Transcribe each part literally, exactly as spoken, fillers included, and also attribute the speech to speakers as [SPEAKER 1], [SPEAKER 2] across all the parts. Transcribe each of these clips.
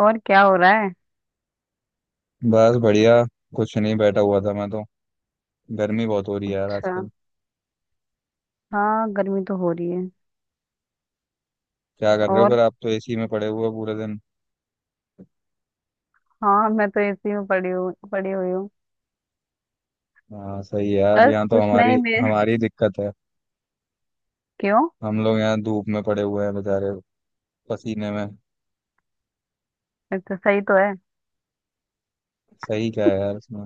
[SPEAKER 1] और क्या हो रहा है।
[SPEAKER 2] बस बढ़िया। कुछ नहीं, बैठा हुआ था मैं तो। गर्मी बहुत हो रही है यार
[SPEAKER 1] अच्छा।
[SPEAKER 2] आजकल।
[SPEAKER 1] हाँ, गर्मी तो हो रही है।
[SPEAKER 2] क्या कर रहे हो
[SPEAKER 1] और
[SPEAKER 2] फिर? आप तो एसी में पड़े हुए हो पूरे दिन।
[SPEAKER 1] हाँ, मैं तो एसी में पड़ी हूँ, पड़ी हुई हूँ
[SPEAKER 2] हाँ, सही है यार,
[SPEAKER 1] बस
[SPEAKER 2] यहाँ तो
[SPEAKER 1] कुछ नहीं
[SPEAKER 2] हमारी
[SPEAKER 1] मैं।
[SPEAKER 2] हमारी दिक्कत है।
[SPEAKER 1] क्यों?
[SPEAKER 2] हम लोग यहाँ धूप में पड़े हुए हैं बेचारे, पसीने में।
[SPEAKER 1] ये तो सही तो है।
[SPEAKER 2] सही क्या है यार इसमें।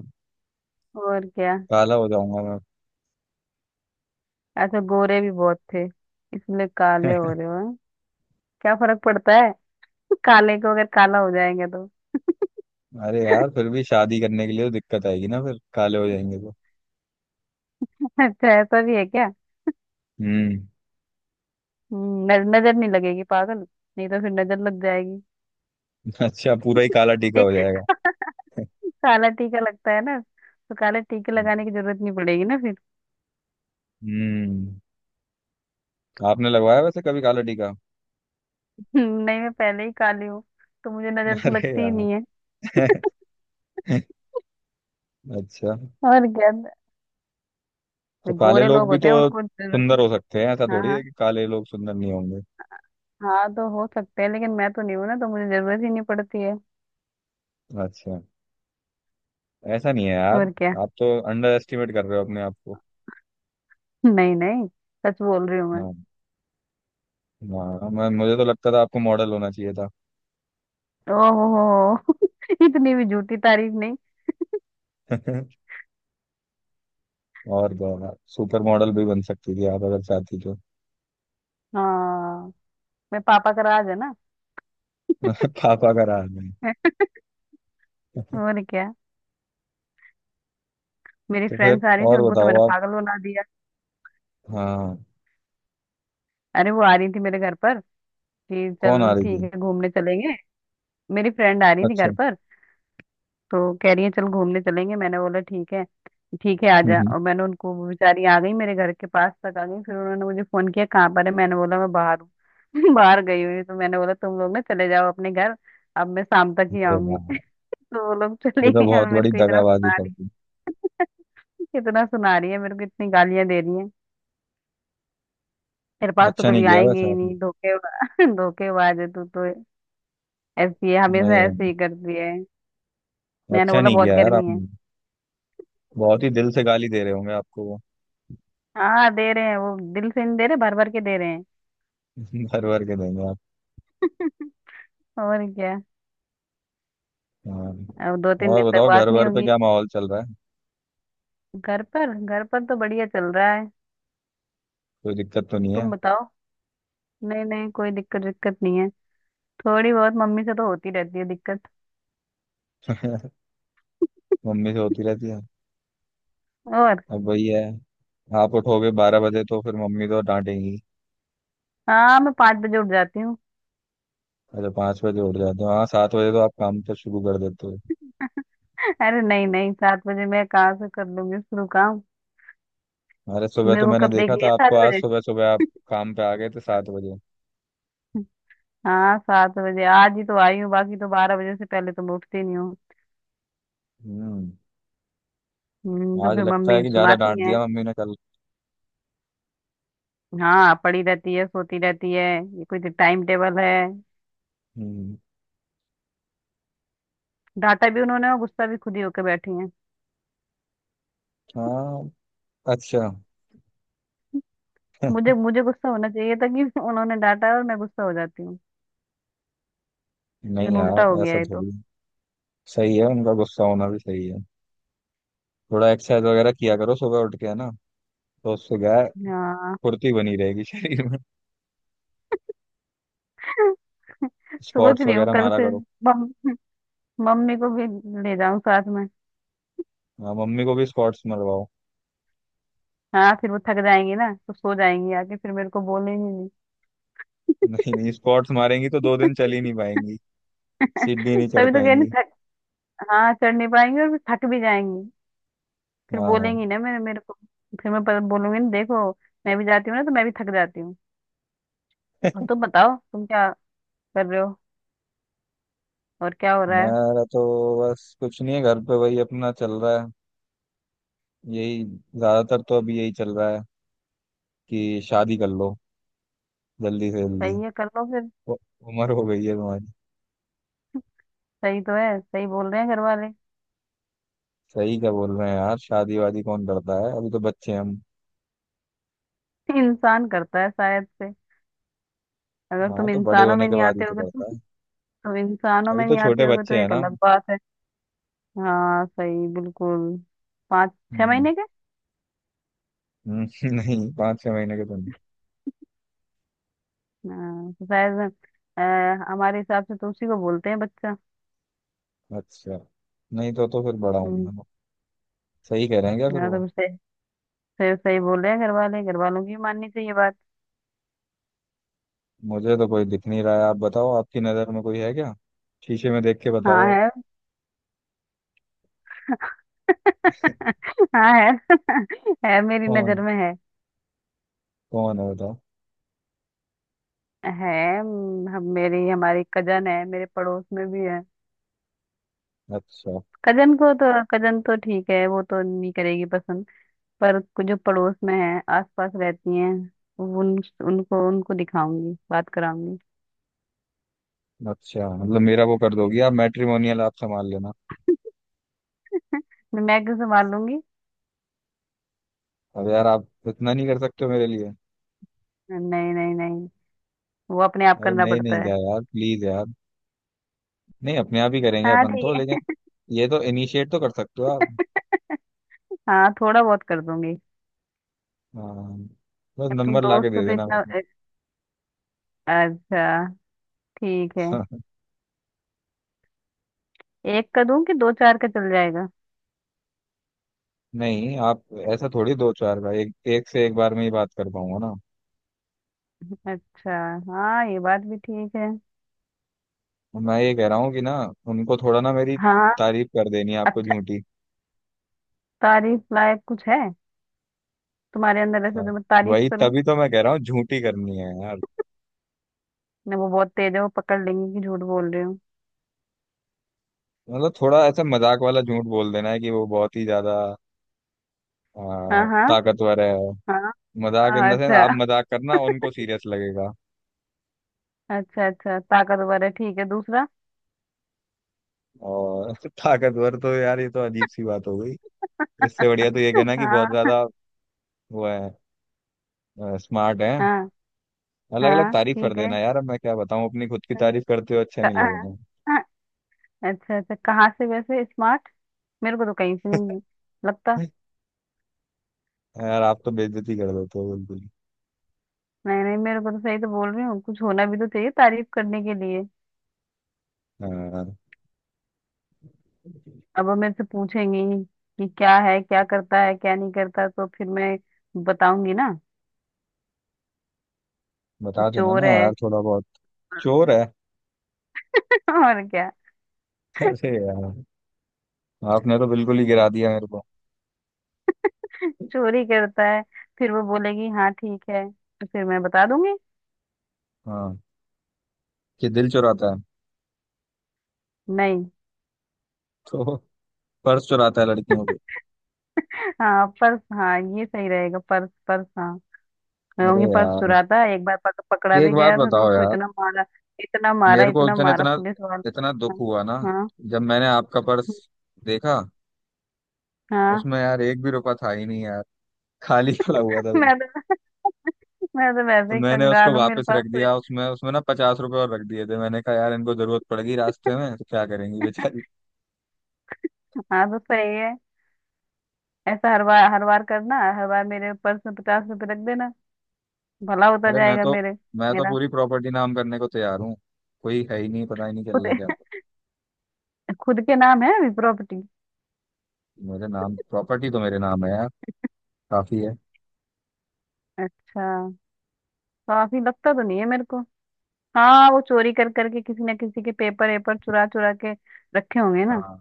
[SPEAKER 1] और क्या।
[SPEAKER 2] काला हो जाऊंगा मैं।
[SPEAKER 1] अच्छा, गोरे भी बहुत थे। इसलिए काले हो रहे हो हैं? क्या फर्क पड़ता है। काले को अगर काला हो जाएंगे तो।
[SPEAKER 2] अरे यार फिर भी शादी करने के लिए तो दिक्कत आएगी ना, फिर काले हो जाएंगे तो।
[SPEAKER 1] अच्छा, ऐसा भी है क्या?
[SPEAKER 2] हम्म।
[SPEAKER 1] हम्म, न- नजर नहीं लगेगी पागल। नहीं तो फिर नजर लग जाएगी।
[SPEAKER 2] अच्छा, पूरा ही काला टीका हो
[SPEAKER 1] ठीक।
[SPEAKER 2] जाएगा।
[SPEAKER 1] काला टीका लगता है ना, तो काला टीके लगाने की जरूरत नहीं पड़ेगी ना फिर।
[SPEAKER 2] हम्म। आपने लगवाया वैसे कभी काला टीका?
[SPEAKER 1] हम्म, नहीं, मैं पहले ही काली हूँ। तो मुझे नजर तो
[SPEAKER 2] अरे
[SPEAKER 1] लगती ही
[SPEAKER 2] यार।
[SPEAKER 1] नहीं है।
[SPEAKER 2] अच्छा।
[SPEAKER 1] और क्या।
[SPEAKER 2] तो
[SPEAKER 1] जो
[SPEAKER 2] काले
[SPEAKER 1] गोरे
[SPEAKER 2] लोग
[SPEAKER 1] लोग
[SPEAKER 2] भी
[SPEAKER 1] होते
[SPEAKER 2] तो
[SPEAKER 1] हैं उनको जरूरत
[SPEAKER 2] सुंदर
[SPEAKER 1] ही-
[SPEAKER 2] हो सकते हैं, ऐसा
[SPEAKER 1] हाँ
[SPEAKER 2] थोड़ी
[SPEAKER 1] हाँ।
[SPEAKER 2] है कि काले लोग सुंदर नहीं होंगे।
[SPEAKER 1] हाँ तो हो सकते हैं, लेकिन मैं तो नहीं हूँ ना, तो मुझे जरूरत ही नहीं पड़ती है।
[SPEAKER 2] अच्छा। ऐसा नहीं है यार,
[SPEAKER 1] और क्या।
[SPEAKER 2] आप तो अंडर एस्टिमेट कर रहे हो अपने आप को।
[SPEAKER 1] नहीं नहीं, सच बोल रही हूँ मैं।
[SPEAKER 2] ना, ना। मैं मुझे तो लगता था आपको मॉडल होना चाहिए था।
[SPEAKER 1] ओहो। इतनी भी झूठी तारीफ नहीं।
[SPEAKER 2] और तो सुपर मॉडल भी बन सकती थी आप अगर चाहती तो।
[SPEAKER 1] हाँ, मैं पापा का राज है ना।
[SPEAKER 2] पापा का राज नहीं।
[SPEAKER 1] और क्या। मेरी
[SPEAKER 2] तो फिर,
[SPEAKER 1] फ्रेंड्स आ रही थी,
[SPEAKER 2] और
[SPEAKER 1] उनको तो
[SPEAKER 2] बताओ
[SPEAKER 1] मैंने
[SPEAKER 2] आप।
[SPEAKER 1] पागल बना दिया।
[SPEAKER 2] हाँ।
[SPEAKER 1] अरे वो आ रही थी मेरे घर पर कि
[SPEAKER 2] कौन आ
[SPEAKER 1] चल
[SPEAKER 2] रही
[SPEAKER 1] ठीक
[SPEAKER 2] थी?
[SPEAKER 1] है घूमने चलेंगे। मेरी फ्रेंड आ रही थी घर
[SPEAKER 2] अच्छा।
[SPEAKER 1] पर। तो कह रही है चल घूमने चलेंगे, मैंने बोला ठीक है, ठीक है आ
[SPEAKER 2] हम्म
[SPEAKER 1] जा।
[SPEAKER 2] हम्म।
[SPEAKER 1] और मैंने उनको वो बेचारी आ गई मेरे घर के पास तक आ गई, फिर उन्होंने मुझे फोन किया कहाँ पर है, मैंने बोला मैं बाहर हूँ। बाहर गई हुई हूँ। तो मैंने बोला तुम लोग ना चले जाओ अपने घर, अब मैं शाम तक ही
[SPEAKER 2] अरे
[SPEAKER 1] आऊंगी।
[SPEAKER 2] यार,
[SPEAKER 1] तो वो लोग
[SPEAKER 2] ये
[SPEAKER 1] चले
[SPEAKER 2] तो
[SPEAKER 1] गए
[SPEAKER 2] बहुत
[SPEAKER 1] और मेरे
[SPEAKER 2] बड़ी
[SPEAKER 1] को इतना
[SPEAKER 2] दगाबाजी
[SPEAKER 1] सुना
[SPEAKER 2] कर दी।
[SPEAKER 1] रही। इतना सुना रही है मेरे को, इतनी गालियां दे रही है। तेरे पास तो
[SPEAKER 2] अच्छा नहीं
[SPEAKER 1] कभी
[SPEAKER 2] किया
[SPEAKER 1] आएंगे
[SPEAKER 2] वैसे
[SPEAKER 1] ही
[SPEAKER 2] आपने।
[SPEAKER 1] नहीं, धोखे धोखेबाज है तू तो। ऐसी है,
[SPEAKER 2] नहीं
[SPEAKER 1] हमेशा ऐसे
[SPEAKER 2] नहीं,
[SPEAKER 1] ही करती है। मैंने
[SPEAKER 2] अच्छा
[SPEAKER 1] बोला
[SPEAKER 2] नहीं
[SPEAKER 1] बहुत
[SPEAKER 2] किया यार
[SPEAKER 1] गर्मी है।
[SPEAKER 2] आपने। बहुत ही दिल से गाली दे रहे होंगे आपको वो।
[SPEAKER 1] हाँ दे रहे हैं, वो दिल से नहीं दे रहे, भर भर के दे रहे हैं।
[SPEAKER 2] भर भर के देंगे आप।
[SPEAKER 1] और क्या।
[SPEAKER 2] हाँ,
[SPEAKER 1] अब दो तीन
[SPEAKER 2] और
[SPEAKER 1] दिन तक
[SPEAKER 2] बताओ, घर
[SPEAKER 1] बात नहीं
[SPEAKER 2] भर पे
[SPEAKER 1] होगी।
[SPEAKER 2] क्या माहौल चल रहा है?
[SPEAKER 1] घर पर, घर पर तो बढ़िया चल रहा है।
[SPEAKER 2] कोई दिक्कत तो नहीं है?
[SPEAKER 1] तुम बताओ। नहीं नहीं, कोई दिक्कत दिक्कत नहीं है। थोड़ी बहुत मम्मी से तो होती रहती है दिक्कत।
[SPEAKER 2] मम्मी से होती रहती है।
[SPEAKER 1] और
[SPEAKER 2] अब वही है, आप उठोगे बारह बजे तो फिर मम्मी तो डांटेंगी।
[SPEAKER 1] हाँ, मैं पाँच बजे उठ जाती हूँ।
[SPEAKER 2] अच्छा, पाँच बजे उठ जाते हो? हाँ, सात बजे तो आप काम तो शुरू कर देते हो।
[SPEAKER 1] अरे नहीं नहीं, सात बजे मैं कहाँ से कर लूंगी शुरू काम।
[SPEAKER 2] अरे सुबह
[SPEAKER 1] मेरे
[SPEAKER 2] तो
[SPEAKER 1] को
[SPEAKER 2] मैंने
[SPEAKER 1] कब देख
[SPEAKER 2] देखा
[SPEAKER 1] लिया
[SPEAKER 2] था आपको,
[SPEAKER 1] सात
[SPEAKER 2] आज
[SPEAKER 1] बजे
[SPEAKER 2] सुबह सुबह आप काम पे आ गए थे सात बजे।
[SPEAKER 1] हाँ, सात बजे आज ही तो आई हूँ, बाकी तो बारह बजे से पहले तो मैं उठती नहीं हूँ।
[SPEAKER 2] हम्म।
[SPEAKER 1] हम्म, तो
[SPEAKER 2] आज
[SPEAKER 1] फिर
[SPEAKER 2] लगता है
[SPEAKER 1] मम्मी
[SPEAKER 2] कि ज्यादा
[SPEAKER 1] सुनाती
[SPEAKER 2] डांट
[SPEAKER 1] है।
[SPEAKER 2] दिया मम्मी ने कल।
[SPEAKER 1] हाँ, पड़ी रहती है सोती रहती है, ये कोई टाइम टेबल है?
[SPEAKER 2] हम्म।
[SPEAKER 1] डांटा भी उन्होंने और गुस्सा भी खुद ही होके बैठी हैं।
[SPEAKER 2] हाँ। अच्छा।
[SPEAKER 1] मुझे मुझे गुस्सा होना चाहिए था कि उन्होंने डांटा है और मैं गुस्सा हो जाती हूँ,
[SPEAKER 2] नहीं
[SPEAKER 1] लेकिन उल्टा
[SPEAKER 2] यार,
[SPEAKER 1] हो गया
[SPEAKER 2] ऐसा
[SPEAKER 1] है तो।
[SPEAKER 2] थोड़ी है। सही है, उनका गुस्सा होना भी सही है। थोड़ा एक्सरसाइज वगैरह किया करो सुबह उठ के, है ना? तो उससे क्या है,
[SPEAKER 1] हाँ।
[SPEAKER 2] फुर्ती बनी रहेगी शरीर में।
[SPEAKER 1] सोच
[SPEAKER 2] स्क्वाट्स
[SPEAKER 1] रही हूँ
[SPEAKER 2] वगैरह
[SPEAKER 1] कल
[SPEAKER 2] मारा
[SPEAKER 1] से
[SPEAKER 2] करो।
[SPEAKER 1] मम, मम्मी को भी ले जाऊं साथ में।
[SPEAKER 2] हाँ, मम्मी को भी स्क्वाट्स मरवाओ।
[SPEAKER 1] हाँ फिर वो थक जाएंगी ना तो सो जाएंगी आके, फिर मेरे को बोलेंगी नहीं।
[SPEAKER 2] नहीं नहीं, स्क्वाट्स मारेंगी तो दो दिन चल ही नहीं पाएंगी, सीढ़ी नहीं चढ़
[SPEAKER 1] तभी तो कह रही
[SPEAKER 2] पाएंगी।
[SPEAKER 1] थक। हाँ चढ़ नहीं पाएंगी और फिर थक भी जाएंगी, फिर
[SPEAKER 2] हाँ
[SPEAKER 1] बोलेंगी
[SPEAKER 2] हाँ।
[SPEAKER 1] ना मेरे मेरे को। फिर मैं पर- बोलूंगी ना देखो, मैं भी जाती हूँ ना तो मैं भी थक जाती हूँ। और तुम बताओ तुम क्या कर रहे हो, और क्या हो रहा है।
[SPEAKER 2] मेरा तो बस कुछ नहीं है। घर पे वही अपना चल रहा है, यही ज्यादातर तो अभी यही चल रहा है कि शादी कर लो जल्दी से जल्दी।
[SPEAKER 1] सही है कर लो फिर।
[SPEAKER 2] उ- उम्र हो गई है तुम्हारी।
[SPEAKER 1] सही तो है, सही बोल रहे हैं घर वाले।
[SPEAKER 2] सही क्या बोल रहे हैं यार, शादी वादी कौन करता है, अभी तो बच्चे हैं हम।
[SPEAKER 1] इंसान करता है शायद से, अगर
[SPEAKER 2] हाँ
[SPEAKER 1] तुम
[SPEAKER 2] तो बड़े
[SPEAKER 1] इंसानों में
[SPEAKER 2] होने के
[SPEAKER 1] नहीं
[SPEAKER 2] बाद ही
[SPEAKER 1] आते
[SPEAKER 2] तो
[SPEAKER 1] होगे तो।
[SPEAKER 2] करता है,
[SPEAKER 1] तुम इंसानों
[SPEAKER 2] अभी
[SPEAKER 1] में
[SPEAKER 2] तो
[SPEAKER 1] नहीं आते
[SPEAKER 2] छोटे
[SPEAKER 1] होगे तो
[SPEAKER 2] बच्चे हैं
[SPEAKER 1] एक
[SPEAKER 2] ना।
[SPEAKER 1] अलग बात है। हाँ सही बिल्कुल। पाँच छह
[SPEAKER 2] हम्म,
[SPEAKER 1] महीने के।
[SPEAKER 2] हम्म, नहीं, पाँच छह महीने के तो नहीं।
[SPEAKER 1] हाँ तो शायद, अ, हमारे हिसाब से तो उसी को बोलते हैं बच्चा।
[SPEAKER 2] अच्छा। नहीं तो तो फिर बड़ा हूँ
[SPEAKER 1] हम्म।
[SPEAKER 2] मैं। सही कह रहे हैं क्या फिर
[SPEAKER 1] हाँ
[SPEAKER 2] वो?
[SPEAKER 1] तो सही। सही, सही बोल रहे हैं घर वाले, घर वालों की भी माननी चाहिए बात।
[SPEAKER 2] मुझे तो कोई दिख नहीं रहा है, आप बताओ आपकी नज़र में कोई है क्या? शीशे में देख के
[SPEAKER 1] हाँ
[SPEAKER 2] बताओ आप।
[SPEAKER 1] है। हाँ है। है, मेरी नजर
[SPEAKER 2] कौन
[SPEAKER 1] में है।
[SPEAKER 2] कौन है बताओ।
[SPEAKER 1] है हम्म, हम मेरी हमारी कजन है, मेरे पड़ोस में भी है।
[SPEAKER 2] अच्छा।
[SPEAKER 1] कजन को तो, कजन तो ठीक है वो तो नहीं करेगी पसंद। पर कुछ जो पड़ोस में है आसपास रहती हैं, उन, उनको उनको दिखाऊंगी बात कराऊंगी।
[SPEAKER 2] अच्छा, मतलब मेरा वो कर दोगी आप, मैट्रिमोनियल आप संभाल लेना।
[SPEAKER 1] मैं मैं कैसे मार लूंगी।
[SPEAKER 2] अब यार, आप इतना नहीं कर सकते हो मेरे लिए?
[SPEAKER 1] नहीं नहीं नहीं, वो अपने आप
[SPEAKER 2] अरे
[SPEAKER 1] करना
[SPEAKER 2] नहीं
[SPEAKER 1] पड़ता
[SPEAKER 2] नहीं
[SPEAKER 1] है।
[SPEAKER 2] यार, यार प्लीज यार। नहीं, अपने आप ही करेंगे
[SPEAKER 1] हाँ
[SPEAKER 2] अपन तो,
[SPEAKER 1] ठीक
[SPEAKER 2] लेकिन
[SPEAKER 1] है।
[SPEAKER 2] ये तो इनिशिएट तो कर सकते हो आप।
[SPEAKER 1] हाँ, थोड़ा बहुत कर दूंगी।
[SPEAKER 2] हाँ, बस
[SPEAKER 1] अब तुम
[SPEAKER 2] नंबर ला के
[SPEAKER 1] दोस्त हो
[SPEAKER 2] दे
[SPEAKER 1] तो
[SPEAKER 2] देना
[SPEAKER 1] इतना।
[SPEAKER 2] मेरे
[SPEAKER 1] अच्छा, ठीक है।
[SPEAKER 2] को।
[SPEAKER 1] एक का दूं कि दो चार का चल जाएगा?
[SPEAKER 2] नहीं आप, ऐसा थोड़ी, दो चार बार एक एक से, एक बार में ही बात कर पाऊंगा ना।
[SPEAKER 1] अच्छा, हाँ ये बात भी ठीक है।
[SPEAKER 2] मैं ये कह रहा हूँ कि ना, उनको थोड़ा ना, मेरी
[SPEAKER 1] हाँ।
[SPEAKER 2] तारीफ कर देनी है आपको,
[SPEAKER 1] अच्छा,
[SPEAKER 2] झूठी।
[SPEAKER 1] तारीफ लायक कुछ है तुम्हारे अंदर ऐसे
[SPEAKER 2] हाँ,
[SPEAKER 1] जो मैं तारीफ
[SPEAKER 2] वही
[SPEAKER 1] करूं?
[SPEAKER 2] तभी तो मैं कह रहा हूँ, झूठी करनी है यार।
[SPEAKER 1] नहीं, वो बहुत तेज है, वो पकड़ लेंगी कि झूठ बोल रही हूँ।
[SPEAKER 2] मतलब थोड़ा ऐसा मजाक वाला झूठ बोल देना है कि वो बहुत ही ज्यादा आ,
[SPEAKER 1] हाँ हाँ।
[SPEAKER 2] ताकतवर है।
[SPEAKER 1] हाँ।
[SPEAKER 2] मजाक इन
[SPEAKER 1] हाँ,
[SPEAKER 2] द सेंस, आप
[SPEAKER 1] अच्छा।
[SPEAKER 2] मजाक करना उनको सीरियस लगेगा।
[SPEAKER 1] अच्छा, अच्छा ताकतवर है ठीक है दूसरा।
[SPEAKER 2] और ताकतवर तो यार, ये तो अजीब सी बात हो गई। इससे बढ़िया तो ये कहना कि बहुत
[SPEAKER 1] हाँ।
[SPEAKER 2] ज्यादा वो है, स्मार्ट है।
[SPEAKER 1] हाँ।
[SPEAKER 2] अलग अलग
[SPEAKER 1] हाँ
[SPEAKER 2] तारीफ कर
[SPEAKER 1] ठीक है।
[SPEAKER 2] देना यार, अब मैं क्या बताऊं, अपनी खुद की तारीफ करते हो अच्छा
[SPEAKER 1] क-
[SPEAKER 2] नहीं लगूंगा।
[SPEAKER 1] हाँ, अच्छा, अच्छा कहाँ से वैसे स्मार्ट? मेरे को तो कहीं से नहीं लगता।
[SPEAKER 2] यार आप तो बेइज्जती कर देते हो बिल्कुल।
[SPEAKER 1] नहीं नहीं, मेरे को तो सही तो बोल रही हूँ, कुछ होना भी तो चाहिए तारीफ करने के लिए।
[SPEAKER 2] हाँ।
[SPEAKER 1] अब वो मेरे से पूछेंगी कि क्या है, क्या करता है क्या नहीं करता, तो फिर मैं बताऊंगी ना कि
[SPEAKER 2] बता देना
[SPEAKER 1] चोर
[SPEAKER 2] ना
[SPEAKER 1] है।
[SPEAKER 2] यार थोड़ा बहुत, चोर है।
[SPEAKER 1] और क्या।
[SPEAKER 2] अरे यार, आपने तो बिल्कुल ही गिरा दिया मेरे को।
[SPEAKER 1] चोरी करता है, फिर वो बोलेगी हाँ ठीक है, तो फिर मैं बता दूंगी।
[SPEAKER 2] हाँ, कि दिल चुराता है।
[SPEAKER 1] नहीं।
[SPEAKER 2] तो पर्स चुराता है लड़कियों के।
[SPEAKER 1] हाँ पर्स, हाँ ये सही रहेगा, पर्स, पर्स, हाँ। मैं
[SPEAKER 2] अरे
[SPEAKER 1] कहूंगी पर्स
[SPEAKER 2] यार,
[SPEAKER 1] चुराता है, एक बार पक, पकड़ा
[SPEAKER 2] एक
[SPEAKER 1] भी
[SPEAKER 2] बात
[SPEAKER 1] गया था, तो
[SPEAKER 2] बताओ
[SPEAKER 1] उसको
[SPEAKER 2] यार,
[SPEAKER 1] इतना मारा, इतना मारा,
[SPEAKER 2] मेरे को उस
[SPEAKER 1] इतना
[SPEAKER 2] दिन
[SPEAKER 1] मारा
[SPEAKER 2] इतना
[SPEAKER 1] पुलिस वाले।
[SPEAKER 2] इतना दुख हुआ ना,
[SPEAKER 1] हाँ हाँ
[SPEAKER 2] जब मैंने आपका पर्स देखा।
[SPEAKER 1] हाँ।
[SPEAKER 2] उसमें यार एक भी रुपया था ही नहीं यार, खाली पड़ा हुआ था।
[SPEAKER 1] मैं तो, मैं तो
[SPEAKER 2] तो
[SPEAKER 1] वैसे ही
[SPEAKER 2] मैंने उसको
[SPEAKER 1] कंगाल हूँ, मेरे
[SPEAKER 2] वापस
[SPEAKER 1] पास
[SPEAKER 2] रख
[SPEAKER 1] तो-
[SPEAKER 2] दिया, उसमें उसमें ना पचास रुपए और रख दिए थे। मैंने कहा यार इनको जरूरत पड़ेगी रास्ते में, तो क्या करेंगी बेचारी।
[SPEAKER 1] हाँ तो सही है, ऐसा हर बार, हर बार करना, हर बार मेरे पर्स में पचास रुपए रख देना, भला होता
[SPEAKER 2] अरे मैं
[SPEAKER 1] जाएगा
[SPEAKER 2] तो
[SPEAKER 1] मेरे।
[SPEAKER 2] मैं तो
[SPEAKER 1] मेरा
[SPEAKER 2] पूरी प्रॉपर्टी नाम करने को तैयार हूँ। कोई है ही नहीं, पता ही नहीं चल रहा क्या।
[SPEAKER 1] खुद, खुद के नाम है अभी प्रॉपर्टी।
[SPEAKER 2] मेरे नाम प्रॉपर्टी तो मेरे नाम है यार, काफी है।
[SPEAKER 1] अच्छा, काफी लगता तो नहीं है मेरे को। हाँ, वो चोरी कर करके किसी ना किसी के पेपर वेपर चुरा चुरा के रखे होंगे ना।
[SPEAKER 2] हाँ।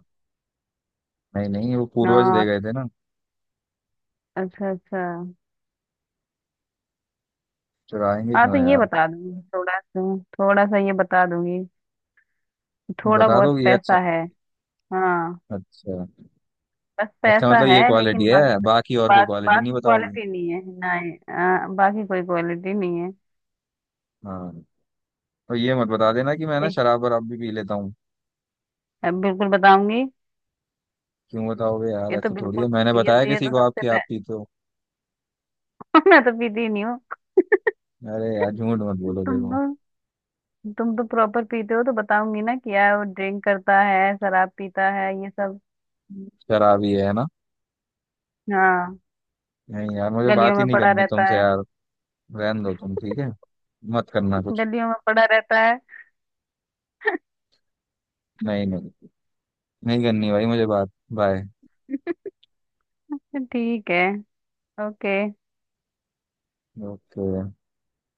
[SPEAKER 2] नहीं नहीं, वो पूर्वज दे
[SPEAKER 1] हाँ।
[SPEAKER 2] गए थे ना,
[SPEAKER 1] अच्छा अच्छा।
[SPEAKER 2] चुराएंगे
[SPEAKER 1] हाँ
[SPEAKER 2] क्यों
[SPEAKER 1] तो ये
[SPEAKER 2] यार।
[SPEAKER 1] बता दूंगी, थोड़ा सा थोड़ा सा ये बता दूंगी,
[SPEAKER 2] ये
[SPEAKER 1] थोड़ा
[SPEAKER 2] बता
[SPEAKER 1] बहुत
[SPEAKER 2] दो ये। अच्छा।
[SPEAKER 1] पैसा है। हाँ।
[SPEAKER 2] अच्छा,
[SPEAKER 1] बस
[SPEAKER 2] अच्छा
[SPEAKER 1] पैसा
[SPEAKER 2] मतलब
[SPEAKER 1] है,
[SPEAKER 2] ये क्वालिटी
[SPEAKER 1] लेकिन बाकी,
[SPEAKER 2] है, बाकी और कोई
[SPEAKER 1] बाकी
[SPEAKER 2] क्वालिटी नहीं
[SPEAKER 1] बाकी
[SPEAKER 2] बताओगी?
[SPEAKER 1] क्वालिटी नहीं है, नहीं आ, बाकी कोई क्वालिटी नहीं है।
[SPEAKER 2] हाँ, और ये मत बता देना कि मैं ना
[SPEAKER 1] ठीक।
[SPEAKER 2] शराब वराब भी पी लेता हूँ।
[SPEAKER 1] अब बिल्कुल बताऊंगी।
[SPEAKER 2] क्यों बताओगे यार?
[SPEAKER 1] ये तो
[SPEAKER 2] ऐसे थोड़ी है,
[SPEAKER 1] बिल्कुल,
[SPEAKER 2] मैंने
[SPEAKER 1] ये
[SPEAKER 2] बताया
[SPEAKER 1] ये
[SPEAKER 2] किसी
[SPEAKER 1] तो
[SPEAKER 2] को
[SPEAKER 1] सबसे
[SPEAKER 2] आपकी
[SPEAKER 1] पह...
[SPEAKER 2] आप पीते हो?
[SPEAKER 1] मैं तो पीती ही नहीं हूँ।
[SPEAKER 2] अरे यार झूठ मत बोलो
[SPEAKER 1] तुम
[SPEAKER 2] देखो।
[SPEAKER 1] तुम तो प्रॉपर पीते हो, तो बताऊंगी ना कि यार वो ड्रिंक करता है, शराब पीता है ये सब।
[SPEAKER 2] शराबी है ना?
[SPEAKER 1] हाँ,
[SPEAKER 2] नहीं यार, मुझे
[SPEAKER 1] गलियों
[SPEAKER 2] बात ही
[SPEAKER 1] में
[SPEAKER 2] नहीं
[SPEAKER 1] पड़ा
[SPEAKER 2] करनी
[SPEAKER 1] रहता
[SPEAKER 2] तुमसे
[SPEAKER 1] है।
[SPEAKER 2] यार, रहने दो तुम, ठीक है, मत करना कुछ।
[SPEAKER 1] गलियों में पड़ा रहता है।
[SPEAKER 2] नहीं नहीं, नहीं करनी भाई मुझे बात। बाय।
[SPEAKER 1] ठीक है। ओके।
[SPEAKER 2] ओके।